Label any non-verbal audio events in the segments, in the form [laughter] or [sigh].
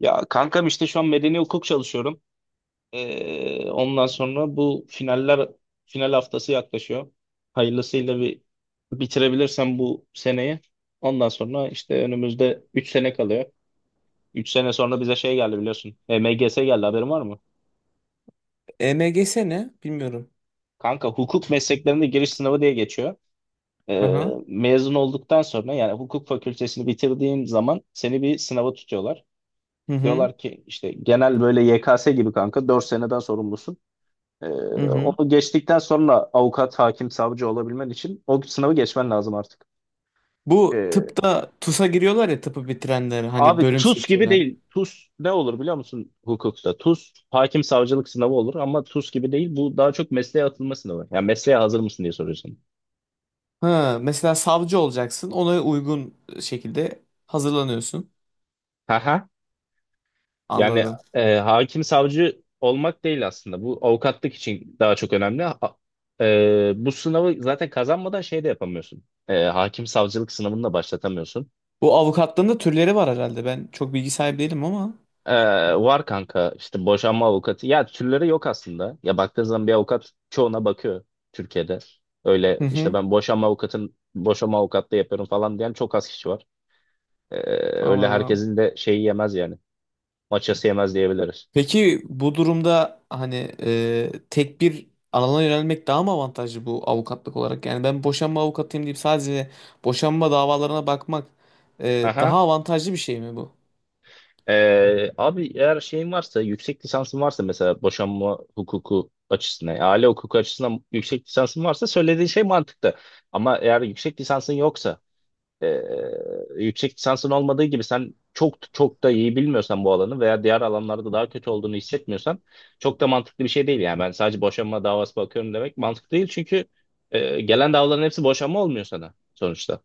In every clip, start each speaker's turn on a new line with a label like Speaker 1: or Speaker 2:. Speaker 1: Ya kankam işte şu an medeni hukuk çalışıyorum. Ondan sonra bu final haftası yaklaşıyor. Hayırlısıyla bir bitirebilirsem bu seneyi. Ondan sonra işte önümüzde 3 sene kalıyor. 3 sene sonra bize şey geldi biliyorsun. MGS geldi haberin var mı?
Speaker 2: EMGS ne? Bilmiyorum.
Speaker 1: Kanka hukuk mesleklerinde giriş sınavı diye geçiyor. Ee,
Speaker 2: Aha.
Speaker 1: mezun olduktan sonra yani hukuk fakültesini bitirdiğin zaman seni bir sınava tutuyorlar.
Speaker 2: Hı hı.
Speaker 1: Diyorlar ki işte genel böyle YKS gibi kanka 4 seneden sorumlusun. Ee,
Speaker 2: Hı hı.
Speaker 1: onu geçtikten sonra avukat, hakim, savcı olabilmen için o sınavı geçmen lazım artık.
Speaker 2: Bu
Speaker 1: Ee,
Speaker 2: tıpta TUS'a giriyorlar ya tıpı bitirenler hani
Speaker 1: abi
Speaker 2: bölüm
Speaker 1: TUS gibi
Speaker 2: seçiyorlar.
Speaker 1: değil. TUS ne olur biliyor musun hukukta? TUS hakim savcılık sınavı olur ama TUS gibi değil. Bu daha çok mesleğe atılma sınavı. Yani mesleğe hazır mısın diye soruyorsun.
Speaker 2: Ha, mesela savcı olacaksın. Ona uygun şekilde hazırlanıyorsun.
Speaker 1: Haha. Yani
Speaker 2: Anladım.
Speaker 1: hakim savcı olmak değil aslında. Bu avukatlık için daha çok önemli. Bu sınavı zaten kazanmadan şey de yapamıyorsun. Hakim savcılık sınavını da başlatamıyorsun.
Speaker 2: Bu avukatlığın da türleri var herhalde. Ben çok bilgi sahibi değilim ama.
Speaker 1: Ee, var kanka işte boşanma avukatı. Ya türleri yok aslında. Ya baktığın zaman bir avukat çoğuna bakıyor Türkiye'de. Öyle
Speaker 2: Hı
Speaker 1: işte
Speaker 2: hı.
Speaker 1: ben boşanma avukatlığı yapıyorum falan diyen çok az kişi var. Ee, öyle
Speaker 2: Anladım.
Speaker 1: herkesin de şeyi yemez yani. Maçası yemez diyebiliriz.
Speaker 2: Peki bu durumda hani tek bir alana yönelmek daha mı avantajlı bu avukatlık olarak? Yani ben boşanma avukatıyım deyip sadece boşanma davalarına bakmak
Speaker 1: Aha.
Speaker 2: daha avantajlı bir şey mi bu?
Speaker 1: Abi eğer şeyin varsa, yüksek lisansın varsa mesela boşanma hukuku açısından, yani aile hukuku açısından yüksek lisansın varsa söylediğin şey mantıklı. Ama eğer yüksek lisansın yoksa, ee, yüksek lisansın olmadığı gibi sen çok çok da iyi bilmiyorsan bu alanı veya diğer alanlarda daha kötü olduğunu hissetmiyorsan çok da mantıklı bir şey değil. Yani ben sadece boşanma davası bakıyorum demek mantıklı değil çünkü gelen davaların hepsi boşanma olmuyor sana sonuçta.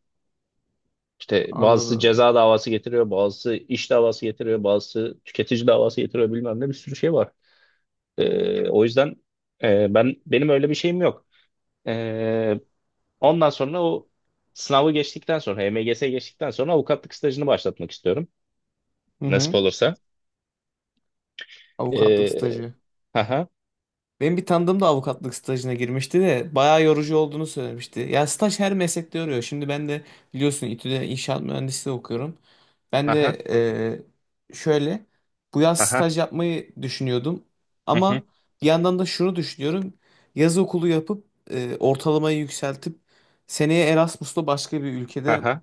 Speaker 1: İşte bazısı
Speaker 2: Anladım.
Speaker 1: ceza davası getiriyor, bazısı iş davası getiriyor, bazısı tüketici davası getiriyor bilmem ne bir sürü şey var. O yüzden benim öyle bir şeyim yok. Ee, ondan sonra o sınavı geçtikten sonra, HMGS geçtikten sonra avukatlık stajını başlatmak istiyorum.
Speaker 2: Hı
Speaker 1: Nasip
Speaker 2: hı.
Speaker 1: olursa.
Speaker 2: Avukatlık
Speaker 1: Ee,
Speaker 2: stajı.
Speaker 1: haha,
Speaker 2: Benim bir tanıdığım da avukatlık stajına girmişti de bayağı yorucu olduğunu söylemişti. Ya staj her meslekte yoruyor. Şimdi ben de biliyorsun İTÜ'de inşaat mühendisliği okuyorum. Ben
Speaker 1: haha,
Speaker 2: de şöyle bu yaz
Speaker 1: haha,
Speaker 2: staj yapmayı düşünüyordum.
Speaker 1: hı hı,
Speaker 2: Ama bir yandan da şunu düşünüyorum. Yaz okulu yapıp ortalamayı yükseltip seneye Erasmus'la başka bir ülkede
Speaker 1: haha,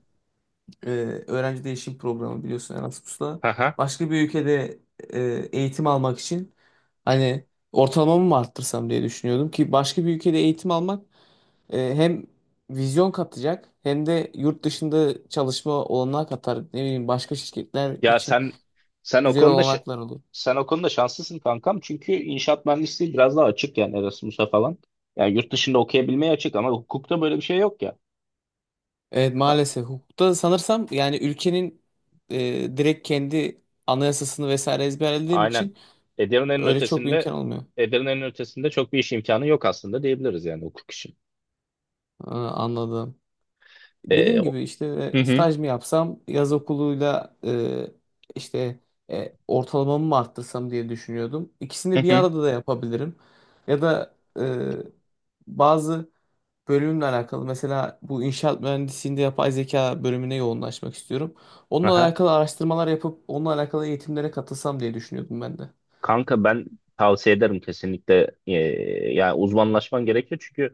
Speaker 2: e, öğrenci değişim programı biliyorsun Erasmus'la.
Speaker 1: haha.
Speaker 2: Başka bir ülkede e, eğitim almak için hani ortalamamı mı arttırsam diye düşünüyordum ki başka bir ülkede eğitim almak hem vizyon katacak hem de yurt dışında çalışma olanağı katar. Ne bileyim başka şirketler
Speaker 1: Ya
Speaker 2: için
Speaker 1: sen o
Speaker 2: güzel
Speaker 1: konuda şa-
Speaker 2: olanaklar olur.
Speaker 1: sen o konuda şanslısın kankam. Çünkü inşaat mühendisliği biraz daha açık yani Erasmus'a falan. Yani yurt dışında okuyabilmeye açık ama hukukta böyle bir şey yok ya. [laughs]
Speaker 2: Evet, maalesef hukukta sanırsam yani ülkenin direkt kendi anayasasını vesaire ezberlediğin
Speaker 1: Aynen.
Speaker 2: için
Speaker 1: Edirne'nin
Speaker 2: öyle çok bir
Speaker 1: ötesinde
Speaker 2: imkan olmuyor.
Speaker 1: Edirne'nin ötesinde çok bir iş imkanı yok aslında diyebiliriz yani hukuk için.
Speaker 2: Ha, anladım.
Speaker 1: Ee,
Speaker 2: Dediğim
Speaker 1: o-
Speaker 2: gibi işte
Speaker 1: Hı hı,
Speaker 2: staj mı yapsam, yaz okuluyla işte ortalamamı mı arttırsam diye düşünüyordum. İkisini
Speaker 1: hı
Speaker 2: bir
Speaker 1: hı.
Speaker 2: arada da yapabilirim. Ya da e, bazı bölümle alakalı mesela bu inşaat mühendisliğinde yapay zeka bölümüne yoğunlaşmak istiyorum. Onunla
Speaker 1: Aha.
Speaker 2: alakalı araştırmalar yapıp onunla alakalı eğitimlere katılsam diye düşünüyordum ben de.
Speaker 1: Kanka ben tavsiye ederim kesinlikle yani uzmanlaşman gerekiyor çünkü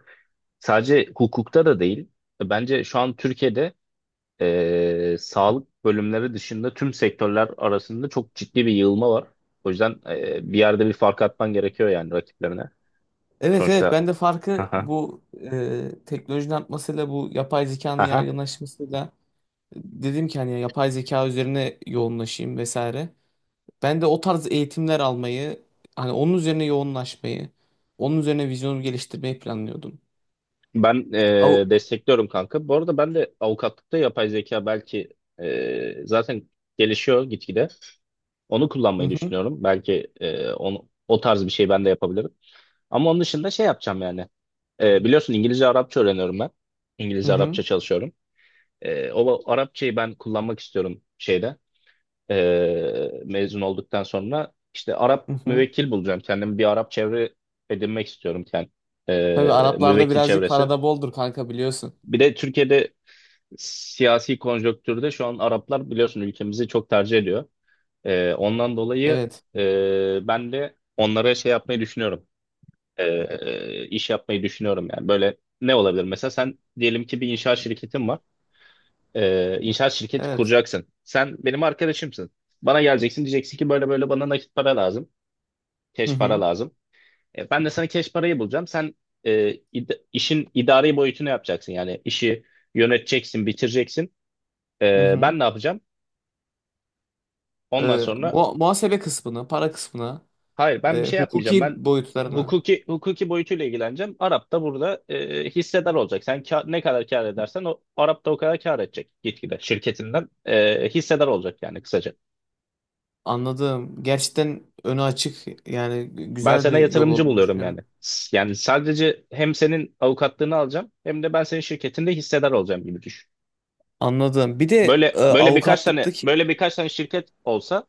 Speaker 1: sadece hukukta da değil. Bence şu an Türkiye'de sağlık bölümleri dışında tüm sektörler arasında çok ciddi bir yığılma var. O yüzden bir yerde bir fark atman gerekiyor yani rakiplerine.
Speaker 2: Evet, evet,
Speaker 1: Sonuçta,
Speaker 2: ben de farkı
Speaker 1: aha,
Speaker 2: bu teknolojinin artmasıyla bu yapay zekanın
Speaker 1: aha.
Speaker 2: yaygınlaşmasıyla dedim ki hani yapay zeka üzerine yoğunlaşayım vesaire. Ben de o tarz eğitimler almayı, hani onun üzerine yoğunlaşmayı, onun üzerine vizyonumu geliştirmeyi planlıyordum.
Speaker 1: Ben
Speaker 2: Av-
Speaker 1: destekliyorum kanka. Bu arada ben de avukatlıkta yapay zeka belki zaten gelişiyor gitgide. Onu
Speaker 2: Hı
Speaker 1: kullanmayı
Speaker 2: hı,
Speaker 1: düşünüyorum. Belki onu, o tarz bir şey ben de yapabilirim. Ama onun dışında şey yapacağım yani. Biliyorsun İngilizce Arapça öğreniyorum ben.
Speaker 2: hı
Speaker 1: İngilizce
Speaker 2: hı,
Speaker 1: Arapça çalışıyorum. O Arapçayı ben kullanmak istiyorum şeyde mezun olduktan sonra işte Arap
Speaker 2: hı hı.
Speaker 1: müvekkil bulacağım kendimi bir Arap çevre edinmek istiyorum kendim.
Speaker 2: Tabii
Speaker 1: E,
Speaker 2: Araplarda
Speaker 1: müvekkil
Speaker 2: birazcık
Speaker 1: çevresi.
Speaker 2: parada boldur kanka biliyorsun.
Speaker 1: Bir de Türkiye'de siyasi konjonktürde şu an Araplar biliyorsun ülkemizi çok tercih ediyor. Ondan dolayı
Speaker 2: Evet,
Speaker 1: ben de onlara şey yapmayı düşünüyorum. E, iş yapmayı düşünüyorum yani böyle ne olabilir mesela sen diyelim ki bir inşaat şirketin var. E, inşaat şirketi
Speaker 2: evet.
Speaker 1: kuracaksın. Sen benim arkadaşımsın. Bana geleceksin diyeceksin ki böyle böyle bana nakit para lazım.
Speaker 2: Hı
Speaker 1: Cash para
Speaker 2: hı,
Speaker 1: lazım. Ben de sana cash parayı bulacağım. Sen işin idari boyutunu yapacaksın. Yani işi yöneteceksin, bitireceksin.
Speaker 2: hı
Speaker 1: E,
Speaker 2: hı.
Speaker 1: ben ne yapacağım? Ondan sonra
Speaker 2: Muhasebe kısmına, para kısmına,
Speaker 1: hayır ben bir şey yapmayacağım.
Speaker 2: hukuki
Speaker 1: Ben
Speaker 2: boyutlarına.
Speaker 1: hukuki hukuki boyutuyla ilgileneceğim. Arap da burada hissedar olacak. Sen ne kadar kâr edersen o Arap da o kadar kâr edecek gitgide şirketinden hissedar olacak yani kısaca.
Speaker 2: Anladım. Gerçekten önü açık yani
Speaker 1: Ben
Speaker 2: güzel
Speaker 1: sana
Speaker 2: bir yol
Speaker 1: yatırımcı
Speaker 2: olduğunu
Speaker 1: buluyorum
Speaker 2: düşünüyorum.
Speaker 1: yani. Yani sadece hem senin avukatlığını alacağım hem de ben senin şirketinde hissedar olacağım gibi düşün.
Speaker 2: Anladım. Bir de
Speaker 1: Böyle böyle
Speaker 2: avukatlıktaki.
Speaker 1: birkaç tane şirket olsa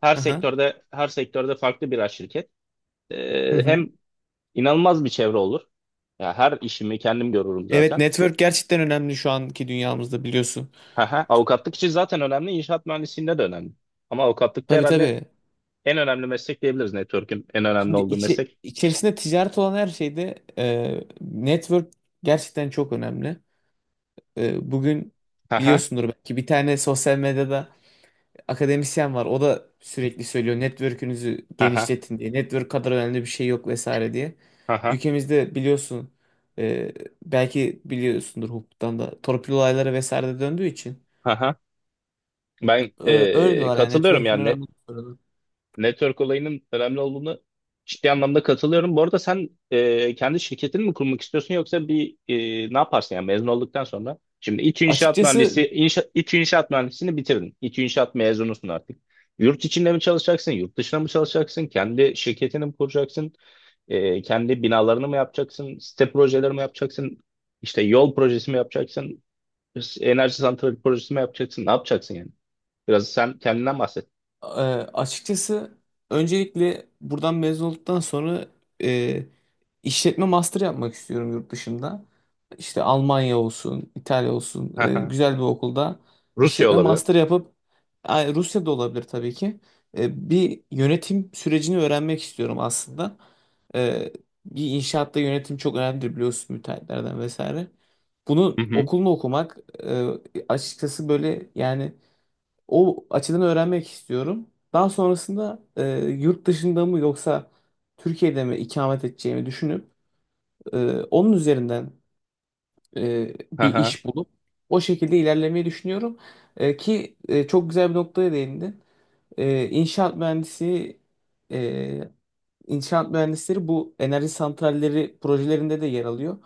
Speaker 1: her
Speaker 2: Aha.
Speaker 1: sektörde her sektörde farklı birer şirket.
Speaker 2: Hı
Speaker 1: Ee,
Speaker 2: hı.
Speaker 1: hem inanılmaz bir çevre olur. Ya her işimi kendim görürüm
Speaker 2: Evet,
Speaker 1: zaten.
Speaker 2: network gerçekten önemli şu anki dünyamızda biliyorsun.
Speaker 1: Haha, avukatlık için zaten önemli, inşaat mühendisliğinde de önemli. Ama avukatlıkta
Speaker 2: Tabii,
Speaker 1: herhalde
Speaker 2: tabii.
Speaker 1: en önemli meslek diyebiliriz. Network'ün en önemli
Speaker 2: Şimdi
Speaker 1: olduğu meslek.
Speaker 2: içerisinde ticaret olan her şeyde network gerçekten çok önemli. Bugün
Speaker 1: Haha,
Speaker 2: biliyorsundur belki bir tane sosyal medyada akademisyen var. O da sürekli söylüyor network'ünüzü
Speaker 1: haha,
Speaker 2: genişletin diye. Network kadar önemli bir şey yok vesaire diye.
Speaker 1: haha,
Speaker 2: Ülkemizde biliyorsun e, belki biliyorsundur hukuktan da torpil olayları vesaire de döndüğü için.
Speaker 1: haha. Ben
Speaker 2: Öyle diyorlar yani
Speaker 1: katılıyorum
Speaker 2: network'ün
Speaker 1: yani.
Speaker 2: önemli.
Speaker 1: Network olayının önemli olduğunu ciddi anlamda katılıyorum. Bu arada sen kendi şirketini mi kurmak istiyorsun yoksa bir ne yaparsın yani mezun olduktan sonra? Şimdi
Speaker 2: Açıkçası
Speaker 1: İTÜ İnşaat Mühendisliğini bitirdin. İTÜ İnşaat mezunusun artık. Yurt içinde mi çalışacaksın, yurt dışında mı çalışacaksın, kendi şirketini mi kuracaksın, kendi binalarını mı yapacaksın, site projeleri mi yapacaksın, İşte yol projesi mi yapacaksın, enerji santrali projesi mi yapacaksın, ne yapacaksın yani? Biraz sen kendinden bahset.
Speaker 2: e, Açıkçası öncelikle buradan mezun olduktan sonra e, işletme master yapmak istiyorum yurt dışında. İşte Almanya olsun, İtalya olsun
Speaker 1: [laughs]
Speaker 2: güzel bir okulda
Speaker 1: Rusya
Speaker 2: işletme
Speaker 1: olabilir.
Speaker 2: master yapıp ay, Rusya'da olabilir tabii ki. Bir yönetim sürecini öğrenmek istiyorum aslında. E, Bir inşaatta yönetim çok önemlidir biliyorsun müteahhitlerden vesaire. Bunu
Speaker 1: Hı hı.
Speaker 2: okulunu okumak e, açıkçası böyle yani. O açıdan öğrenmek istiyorum. Daha sonrasında yurt dışında mı yoksa Türkiye'de mi ikamet edeceğimi düşünüp onun üzerinden
Speaker 1: Hı
Speaker 2: bir
Speaker 1: hı,
Speaker 2: iş bulup o şekilde ilerlemeyi düşünüyorum. Çok güzel bir noktaya değindin. E, inşaat mühendisi e, İnşaat mühendisleri bu enerji santralleri projelerinde de yer alıyor.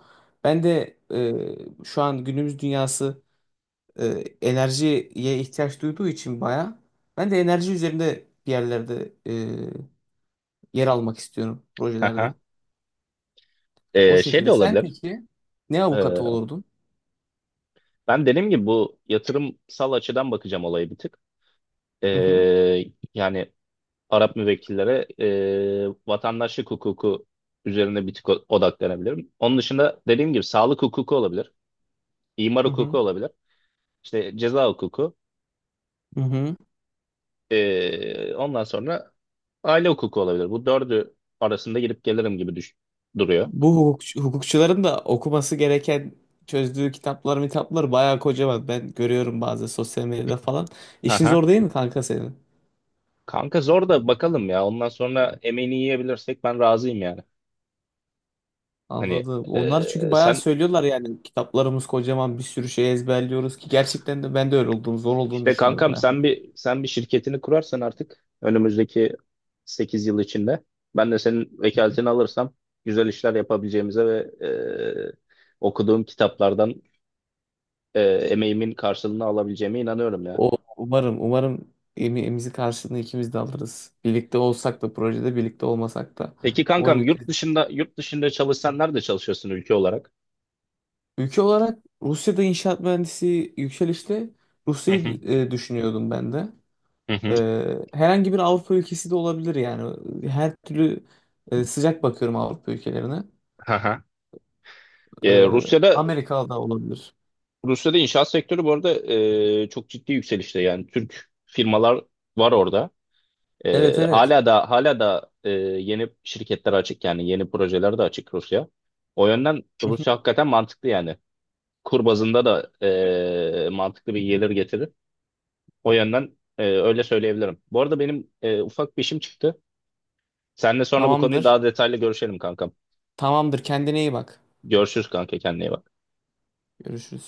Speaker 2: Ben de şu an günümüz dünyası e, enerjiye ihtiyaç duyduğu için baya ben de enerji üzerinde bir yerlerde yer almak istiyorum
Speaker 1: hı hı.
Speaker 2: projelerde. O
Speaker 1: Şey de
Speaker 2: şekilde. Sen
Speaker 1: olabilir.
Speaker 2: peki ne
Speaker 1: Ee,
Speaker 2: avukatı olurdun?
Speaker 1: ben dediğim gibi bu yatırımsal açıdan bakacağım olayı bir tık.
Speaker 2: Hı hı,
Speaker 1: Ee, yani Arap müvekkillere vatandaşlık hukuku üzerine bir tık odaklanabilirim. Onun dışında dediğim gibi sağlık hukuku olabilir, imar
Speaker 2: hı
Speaker 1: hukuku
Speaker 2: hı,
Speaker 1: olabilir, işte ceza hukuku.
Speaker 2: hı hı.
Speaker 1: Ondan sonra aile hukuku olabilir. Bu dördü arasında gidip gelirim gibi duruyor.
Speaker 2: Hukukçuların da okuması gereken çözdüğü kitaplar mitaplar bayağı kocaman. Ben görüyorum bazı sosyal medyada falan.
Speaker 1: Hı
Speaker 2: İşin
Speaker 1: hı.
Speaker 2: zor değil mi kanka senin?
Speaker 1: Kanka zor da bakalım ya. Ondan sonra emeğini yiyebilirsek ben razıyım yani. Hani
Speaker 2: Anladım. Onlar çünkü
Speaker 1: e,
Speaker 2: bayağı
Speaker 1: sen
Speaker 2: söylüyorlar yani kitaplarımız kocaman, bir sürü şey ezberliyoruz ki gerçekten de ben de öyle olduğunu, zor olduğunu
Speaker 1: işte
Speaker 2: düşünüyorum.
Speaker 1: kankam sen bir şirketini kurarsan artık önümüzdeki 8 yıl içinde ben de senin vekaletini alırsam güzel işler yapabileceğimize ve e, okuduğum kitaplardan emeğimin karşılığını alabileceğime inanıyorum ya.
Speaker 2: O umarım, umarım emeğimizi karşılığını ikimiz de alırız. Birlikte olsak da projede birlikte olmasak da
Speaker 1: Peki
Speaker 2: umarım
Speaker 1: kankam yurt dışında yurt dışında çalışsan nerede çalışıyorsun ülke olarak?
Speaker 2: ülke olarak Rusya'da inşaat mühendisi yükselişte,
Speaker 1: Hı hı,
Speaker 2: Rusya'yı düşünüyordum ben de.
Speaker 1: hı hı,
Speaker 2: Herhangi bir Avrupa ülkesi de olabilir yani. Her türlü sıcak bakıyorum Avrupa ülkelerine.
Speaker 1: hı hı.
Speaker 2: E,
Speaker 1: E, Rusya'da
Speaker 2: Amerika da olabilir.
Speaker 1: Rusya'da inşaat sektörü bu arada çok ciddi yükselişte yani Türk firmalar var orada. Ee,
Speaker 2: Evet, evet.
Speaker 1: hala da hala da yeni şirketler açık yani yeni projeler de açık Rusya. O yönden
Speaker 2: Hı hı.
Speaker 1: Rusya hakikaten mantıklı yani. Kur bazında da mantıklı bir gelir getirir. O yönden öyle söyleyebilirim. Bu arada benim ufak bir işim çıktı. Seninle sonra bu konuyu
Speaker 2: Tamamdır.
Speaker 1: daha detaylı görüşelim kankam.
Speaker 2: Tamamdır. Kendine iyi bak.
Speaker 1: Görüşürüz kanka kendine iyi bak.
Speaker 2: Görüşürüz.